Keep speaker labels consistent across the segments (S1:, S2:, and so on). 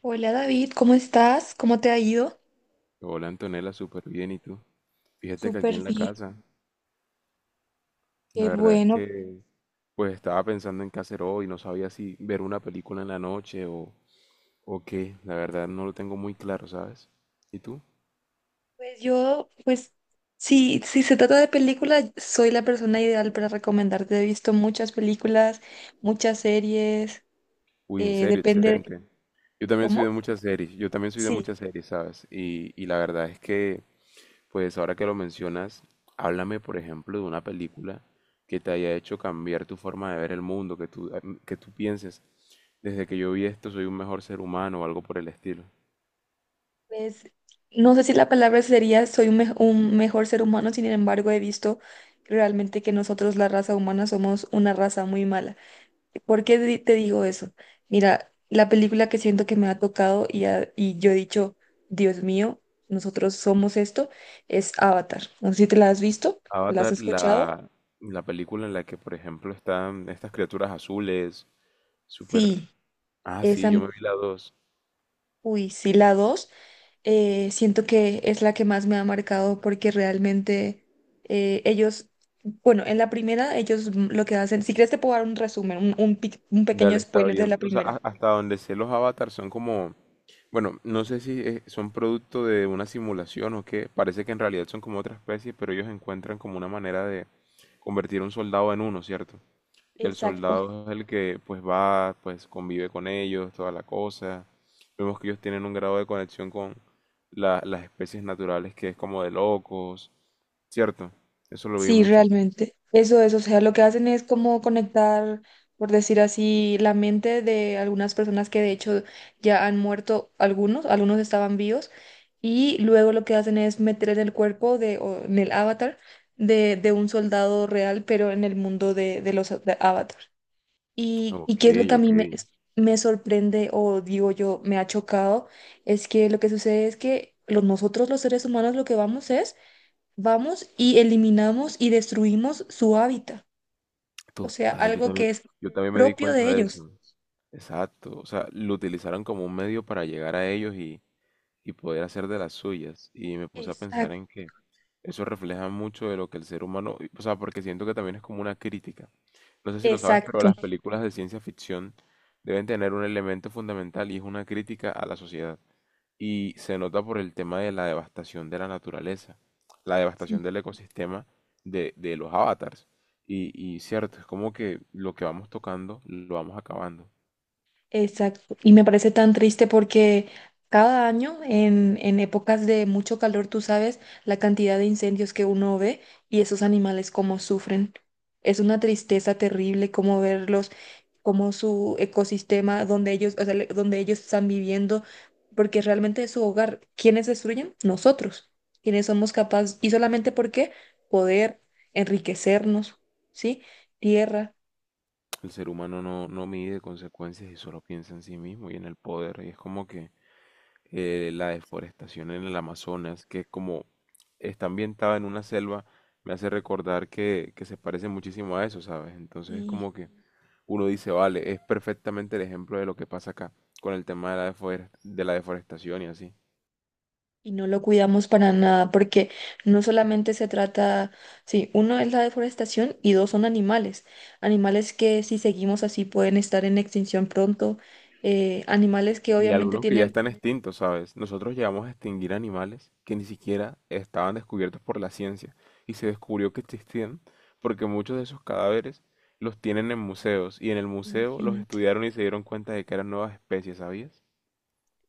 S1: Hola David, ¿cómo estás? ¿Cómo te ha ido?
S2: Hola Antonella, súper bien. ¿Y tú? Fíjate que aquí
S1: Súper
S2: en la
S1: bien,
S2: casa, la
S1: qué
S2: verdad es
S1: bueno.
S2: que pues estaba pensando en qué hacer hoy, no sabía si ver una película en la noche o qué, la verdad no lo tengo muy claro, ¿sabes? ¿Y tú?
S1: Pues yo, pues sí, si se trata de películas, soy la persona ideal para recomendarte. He visto muchas películas, muchas series,
S2: Uy, en serio,
S1: depende,
S2: excelente.
S1: ¿cómo?
S2: Yo también soy de
S1: Sí,
S2: muchas series, ¿sabes? Y la verdad es que pues ahora que lo mencionas, háblame, por ejemplo, de una película que te haya hecho cambiar tu forma de ver el mundo, que tú pienses, desde que yo vi esto soy un mejor ser humano o algo por el estilo.
S1: pues no sé si la palabra sería un mejor ser humano, sin embargo he visto realmente que nosotros, la raza humana, somos una raza muy mala. ¿Por qué te digo eso? Mira, la película que siento que me ha tocado y yo he dicho, Dios mío, nosotros somos esto, es Avatar. No sé si te la has visto, ¿la has
S2: Avatar,
S1: escuchado?
S2: la película en la que, por ejemplo, están estas criaturas azules, súper.
S1: Sí,
S2: Ah,
S1: esa,
S2: sí, yo
S1: m-
S2: me vi la dos.
S1: uy, sí, la 2, siento que es la que más me ha marcado porque realmente eh, ellos, bueno, en la primera ellos lo que hacen, si quieres te puedo dar un resumen, un pequeño
S2: Dale, está
S1: spoiler de la
S2: bien. O sea,
S1: primera.
S2: hasta donde sé los avatars son como bueno, no sé si son producto de una simulación o qué. Parece que en realidad son como otra especie, pero ellos encuentran como una manera de convertir a un soldado en uno, ¿cierto? Y el
S1: Exacto.
S2: soldado es el que pues va, pues convive con ellos, toda la cosa. Vemos que ellos tienen un grado de conexión con las especies naturales que es como de locos, ¿cierto? Eso lo vi
S1: Sí,
S2: mucho.
S1: realmente. Eso es, o sea, lo que hacen es como conectar, por decir así, la mente de algunas personas que de hecho ya han muerto, algunos estaban vivos, y luego lo que hacen es meter en el cuerpo de, o en el avatar de un soldado real, pero en el mundo de los de avatar. Y
S2: Ok,
S1: qué es lo que a
S2: ok.
S1: mí me sorprende o digo yo, me ha chocado, es que lo que sucede es que nosotros los seres humanos lo que vamos es vamos y eliminamos y destruimos su hábitat, o sea,
S2: Total,
S1: algo que es
S2: yo también me di
S1: propio
S2: cuenta
S1: de
S2: de
S1: ellos.
S2: eso. Exacto. O sea, lo utilizaron como un medio para llegar a ellos poder hacer de las suyas. Y me puse a pensar
S1: Exacto.
S2: en que eso refleja mucho de lo que el ser humano, o sea, porque siento que también es como una crítica. No sé si lo sabes, pero
S1: Exacto.
S2: las películas de ciencia ficción deben tener un elemento fundamental y es una crítica a la sociedad. Y se nota por el tema de la devastación de la naturaleza, la
S1: Sí.
S2: devastación del ecosistema de los avatars. Y cierto, es como que lo que vamos tocando lo vamos acabando.
S1: Exacto. Y me parece tan triste porque cada año, en épocas de mucho calor, tú sabes la cantidad de incendios que uno ve y esos animales cómo sufren. Es una tristeza terrible como verlos, como su ecosistema donde ellos, o sea, donde ellos están viviendo, porque realmente es su hogar. ¿Quiénes destruyen? Nosotros. ¿Quiénes somos capaces? Y solamente porque poder enriquecernos, ¿sí? Tierra.
S2: El ser humano no mide consecuencias y solo piensa en sí mismo y en el poder. Y es como que la deforestación en el Amazonas, que como está ambientada en una selva, me hace recordar que se parece muchísimo a eso, ¿sabes? Entonces es como que uno dice, vale, es perfectamente el ejemplo de lo que pasa acá con el tema de la deforestación y así.
S1: Y no lo cuidamos para nada, porque no solamente se trata, sí, uno es la deforestación y dos son animales. Animales que si seguimos así pueden estar en extinción pronto. Eh, animales que
S2: Y
S1: obviamente
S2: algunos que ya
S1: tienen,
S2: están extintos, ¿sabes? Nosotros llegamos a extinguir animales que ni siquiera estaban descubiertos por la ciencia y se descubrió que existían porque muchos de esos cadáveres los tienen en museos y en el museo los
S1: imagínate,
S2: estudiaron y se dieron cuenta de que eran nuevas especies, ¿sabías?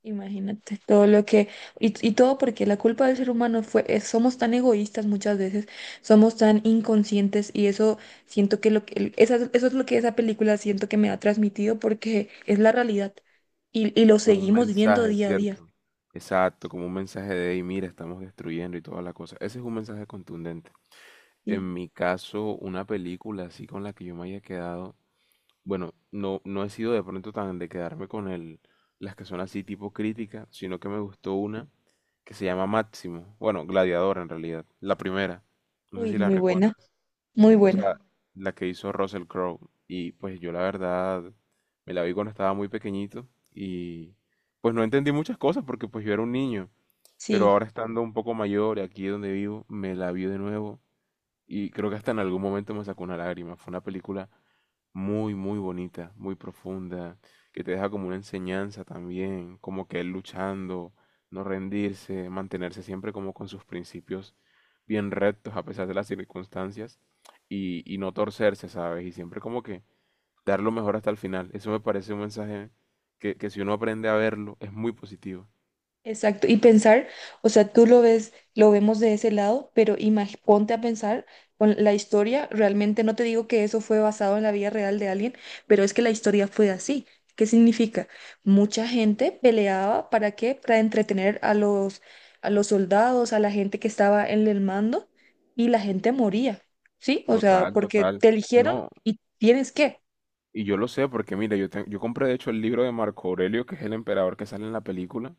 S1: imagínate, todo lo que, y todo porque la culpa del ser humano somos tan egoístas muchas veces, somos tan inconscientes y eso siento que lo que, eso es lo que esa película siento que me ha transmitido porque es la realidad y lo
S2: Como un
S1: seguimos viendo
S2: mensaje,
S1: día a día.
S2: ¿cierto? Exacto, como un mensaje de, hey, mira, estamos destruyendo y toda la cosa. Ese es un mensaje contundente.
S1: Sí,
S2: En mi caso, una película así con la que yo me haya quedado, bueno, no he sido de pronto tan de quedarme con las que son así tipo crítica, sino que me gustó una que se llama Máximo. Bueno, Gladiador en realidad, la primera. No sé
S1: uy,
S2: si la recuerdas.
S1: muy
S2: O
S1: buena,
S2: sea, la que hizo Russell Crowe. Y pues yo la verdad me la vi cuando estaba muy pequeñito y pues no entendí muchas cosas porque pues yo era un niño. Pero
S1: sí,
S2: ahora estando un poco mayor y aquí donde vivo, me la vi de nuevo y creo que hasta en algún momento me sacó una lágrima. Fue una película muy, muy bonita, muy profunda, que te deja como una enseñanza también, como que él luchando, no rendirse, mantenerse siempre como con sus principios bien rectos a pesar de las circunstancias y no torcerse, ¿sabes? Y siempre como que dar lo mejor hasta el final. Eso me parece un mensaje que si uno aprende a verlo es muy positivo.
S1: exacto. Y pensar, o sea, tú lo ves, lo vemos de ese lado, pero ponte a pensar con la historia, realmente no te digo que eso fue basado en la vida real de alguien, pero es que la historia fue así. ¿Qué significa? Mucha gente peleaba, ¿para qué? Para entretener a a los soldados, a la gente que estaba en el mando, y la gente moría, ¿sí? O sea,
S2: Total,
S1: porque
S2: total.
S1: te eligieron
S2: No,
S1: y tienes que,
S2: y yo lo sé porque, mira, yo compré de hecho el libro de Marco Aurelio, que es el emperador que sale en la película,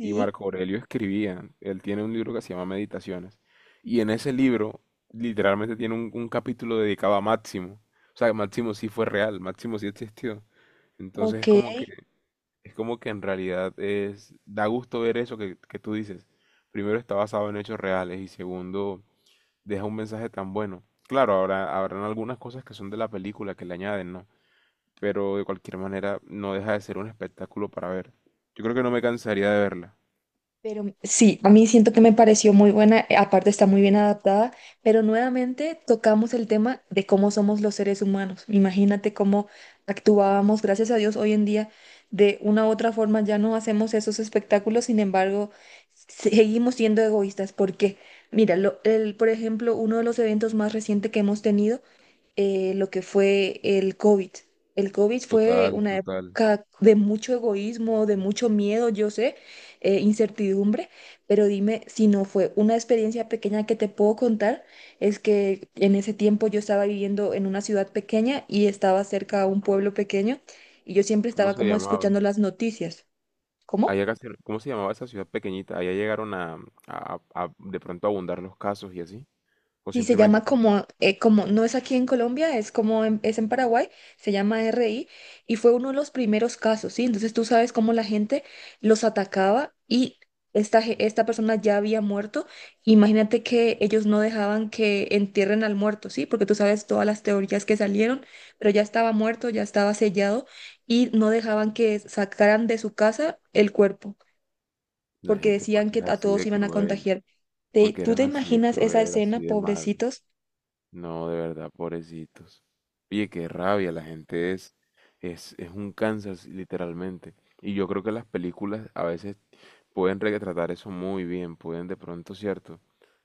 S2: y Marco Aurelio escribía, él tiene un libro que se llama Meditaciones, y en ese libro literalmente tiene un capítulo dedicado a Máximo. O sea, que Máximo sí fue real, Máximo sí existió. Entonces
S1: Ok.
S2: es como que, en realidad es, da gusto ver eso que tú dices. Primero está basado en hechos reales y segundo deja un mensaje tan bueno. Claro, habrán algunas cosas que son de la película que le añaden, ¿no? Pero de cualquier manera no deja de ser un espectáculo para ver. Yo creo que no me cansaría de verla.
S1: Pero sí, a mí siento que me pareció muy buena, aparte está muy bien adaptada, pero nuevamente tocamos el tema de cómo somos los seres humanos. Imagínate cómo actuábamos, gracias a Dios, hoy en día de una u otra forma ya no hacemos esos espectáculos, sin embargo, seguimos siendo egoístas. ¿Por qué? Mira, por ejemplo, uno de los eventos más recientes que hemos tenido lo que fue el COVID. El COVID fue
S2: Total,
S1: una
S2: total.
S1: época de mucho egoísmo, de mucho miedo, yo sé, incertidumbre, pero dime si no fue una experiencia pequeña que te puedo contar, es que en ese tiempo yo estaba viviendo en una ciudad pequeña y estaba cerca a un pueblo pequeño y yo siempre
S2: ¿Cómo
S1: estaba
S2: se
S1: como
S2: llamaba?
S1: escuchando las noticias. ¿Cómo?
S2: Allá ¿cómo se llamaba esa ciudad pequeñita? Allá llegaron a de pronto abundar los casos y así. O
S1: Sí, se
S2: simplemente
S1: llama como, como no es aquí en Colombia, es en Paraguay, se llama RI y fue uno de los primeros casos, ¿sí? Entonces tú sabes cómo la gente los atacaba y esta persona ya había muerto. Imagínate que ellos no dejaban que entierren al muerto, ¿sí? Porque tú sabes todas las teorías que salieron, pero ya estaba muerto, ya estaba sellado y no dejaban que sacaran de su casa el cuerpo
S2: la
S1: porque
S2: gente
S1: decían
S2: porque es
S1: que a
S2: así
S1: todos
S2: de
S1: iban a
S2: cruel,
S1: contagiar.
S2: porque
S1: ¿Tú te
S2: eran así de
S1: imaginas esa
S2: cruel,
S1: escena,
S2: así de malos.
S1: pobrecitos?
S2: No, de verdad, pobrecitos. Oye, qué rabia, la gente es, es un Kansas, literalmente. Y yo creo que las películas a veces pueden retratar eso muy bien, pueden de pronto, ¿cierto?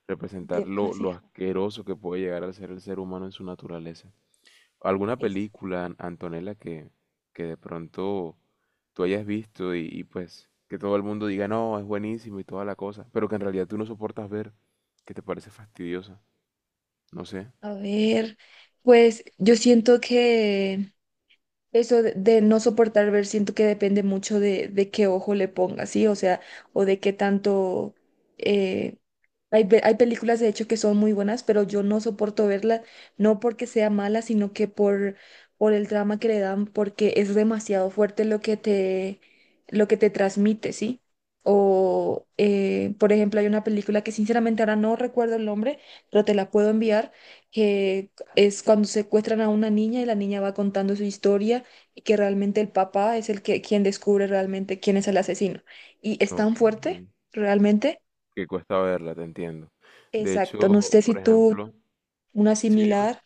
S2: Representar lo
S1: Demasiado.
S2: asqueroso que puede llegar a ser el ser humano en su naturaleza. ¿Alguna
S1: Es-
S2: película, Antonella, que de pronto tú hayas visto y pues que todo el mundo diga, no, es buenísimo y toda la cosa, pero que en realidad tú no soportas ver, que te parece fastidiosa? No sé.
S1: A ver, pues yo siento que eso de no soportar ver, siento que depende mucho de qué ojo le pongas, ¿sí? O sea, o de qué tanto... eh, hay películas, de hecho, que son muy buenas, pero yo no soporto verlas, no porque sea mala, sino por el drama que le dan, porque es demasiado fuerte lo que te transmite, ¿sí? O, por ejemplo, hay una película que sinceramente ahora no recuerdo el nombre, pero te la puedo enviar, que es cuando secuestran a una niña y la niña va contando su historia y que realmente el papá es el que quien descubre realmente quién es el asesino. Y es tan
S2: Ok.
S1: fuerte, realmente.
S2: Que cuesta verla, te entiendo. De
S1: Exacto, no
S2: hecho,
S1: sé si
S2: por
S1: tú
S2: ejemplo,
S1: una
S2: sí, dime.
S1: similar.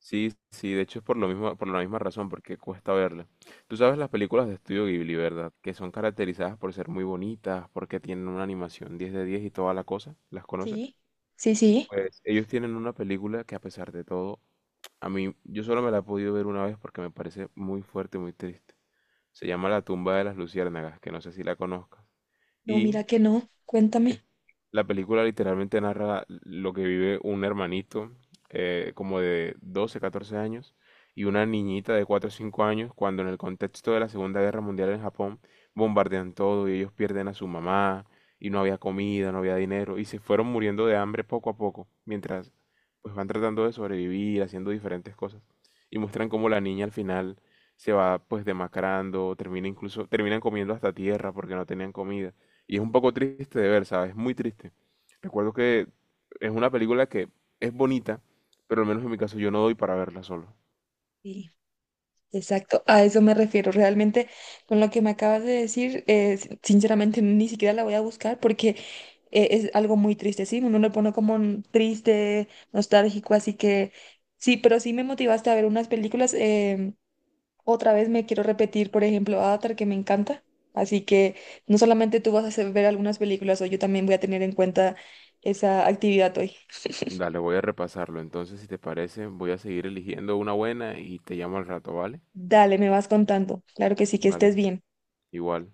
S2: Sí, sí, de hecho es por lo mismo, por la misma razón, porque cuesta verla. Tú sabes las películas de Estudio Ghibli, ¿verdad? Que son caracterizadas por ser muy bonitas, porque tienen una animación 10/10 y toda la cosa. ¿Las conoces?
S1: Sí, sí, sí.
S2: Pues ellos tienen una película que, a pesar de todo, a mí, yo solo me la he podido ver una vez porque me parece muy fuerte, muy triste. Se llama La tumba de las luciérnagas, que no sé si la conozcas.
S1: No,
S2: Y
S1: mira que no.
S2: eh,
S1: Cuéntame.
S2: la película literalmente narra lo que vive un hermanito como de 12 14 años y una niñita de 4 o 5 años cuando en el contexto de la Segunda Guerra Mundial en Japón bombardean todo y ellos pierden a su mamá y no había comida, no había dinero y se fueron muriendo de hambre poco a poco mientras pues van tratando de sobrevivir haciendo diferentes cosas y muestran cómo la niña al final se va pues demacrando, termina incluso, terminan comiendo hasta tierra porque no tenían comida y es un poco triste de ver, ¿sabes? Es muy triste. Recuerdo que es una película que es bonita, pero al menos en mi caso yo no doy para verla solo.
S1: Sí, exacto. A eso me refiero. Realmente con lo que me acabas de decir, sinceramente ni siquiera la voy a buscar porque es algo muy triste, ¿sí? Uno lo pone como un triste, nostálgico, así que sí, pero sí me motivaste a ver unas películas. Otra vez me quiero repetir, por ejemplo, Avatar, que me encanta. Así que no solamente tú vas a hacer ver algunas películas, hoy yo también voy a tener en cuenta esa actividad hoy.
S2: Dale, voy a repasarlo. Entonces, si te parece, voy a seguir eligiendo una buena y te llamo al rato, ¿vale?
S1: Dale, me vas contando. Claro que sí, que
S2: Vale,
S1: estés bien.
S2: igual.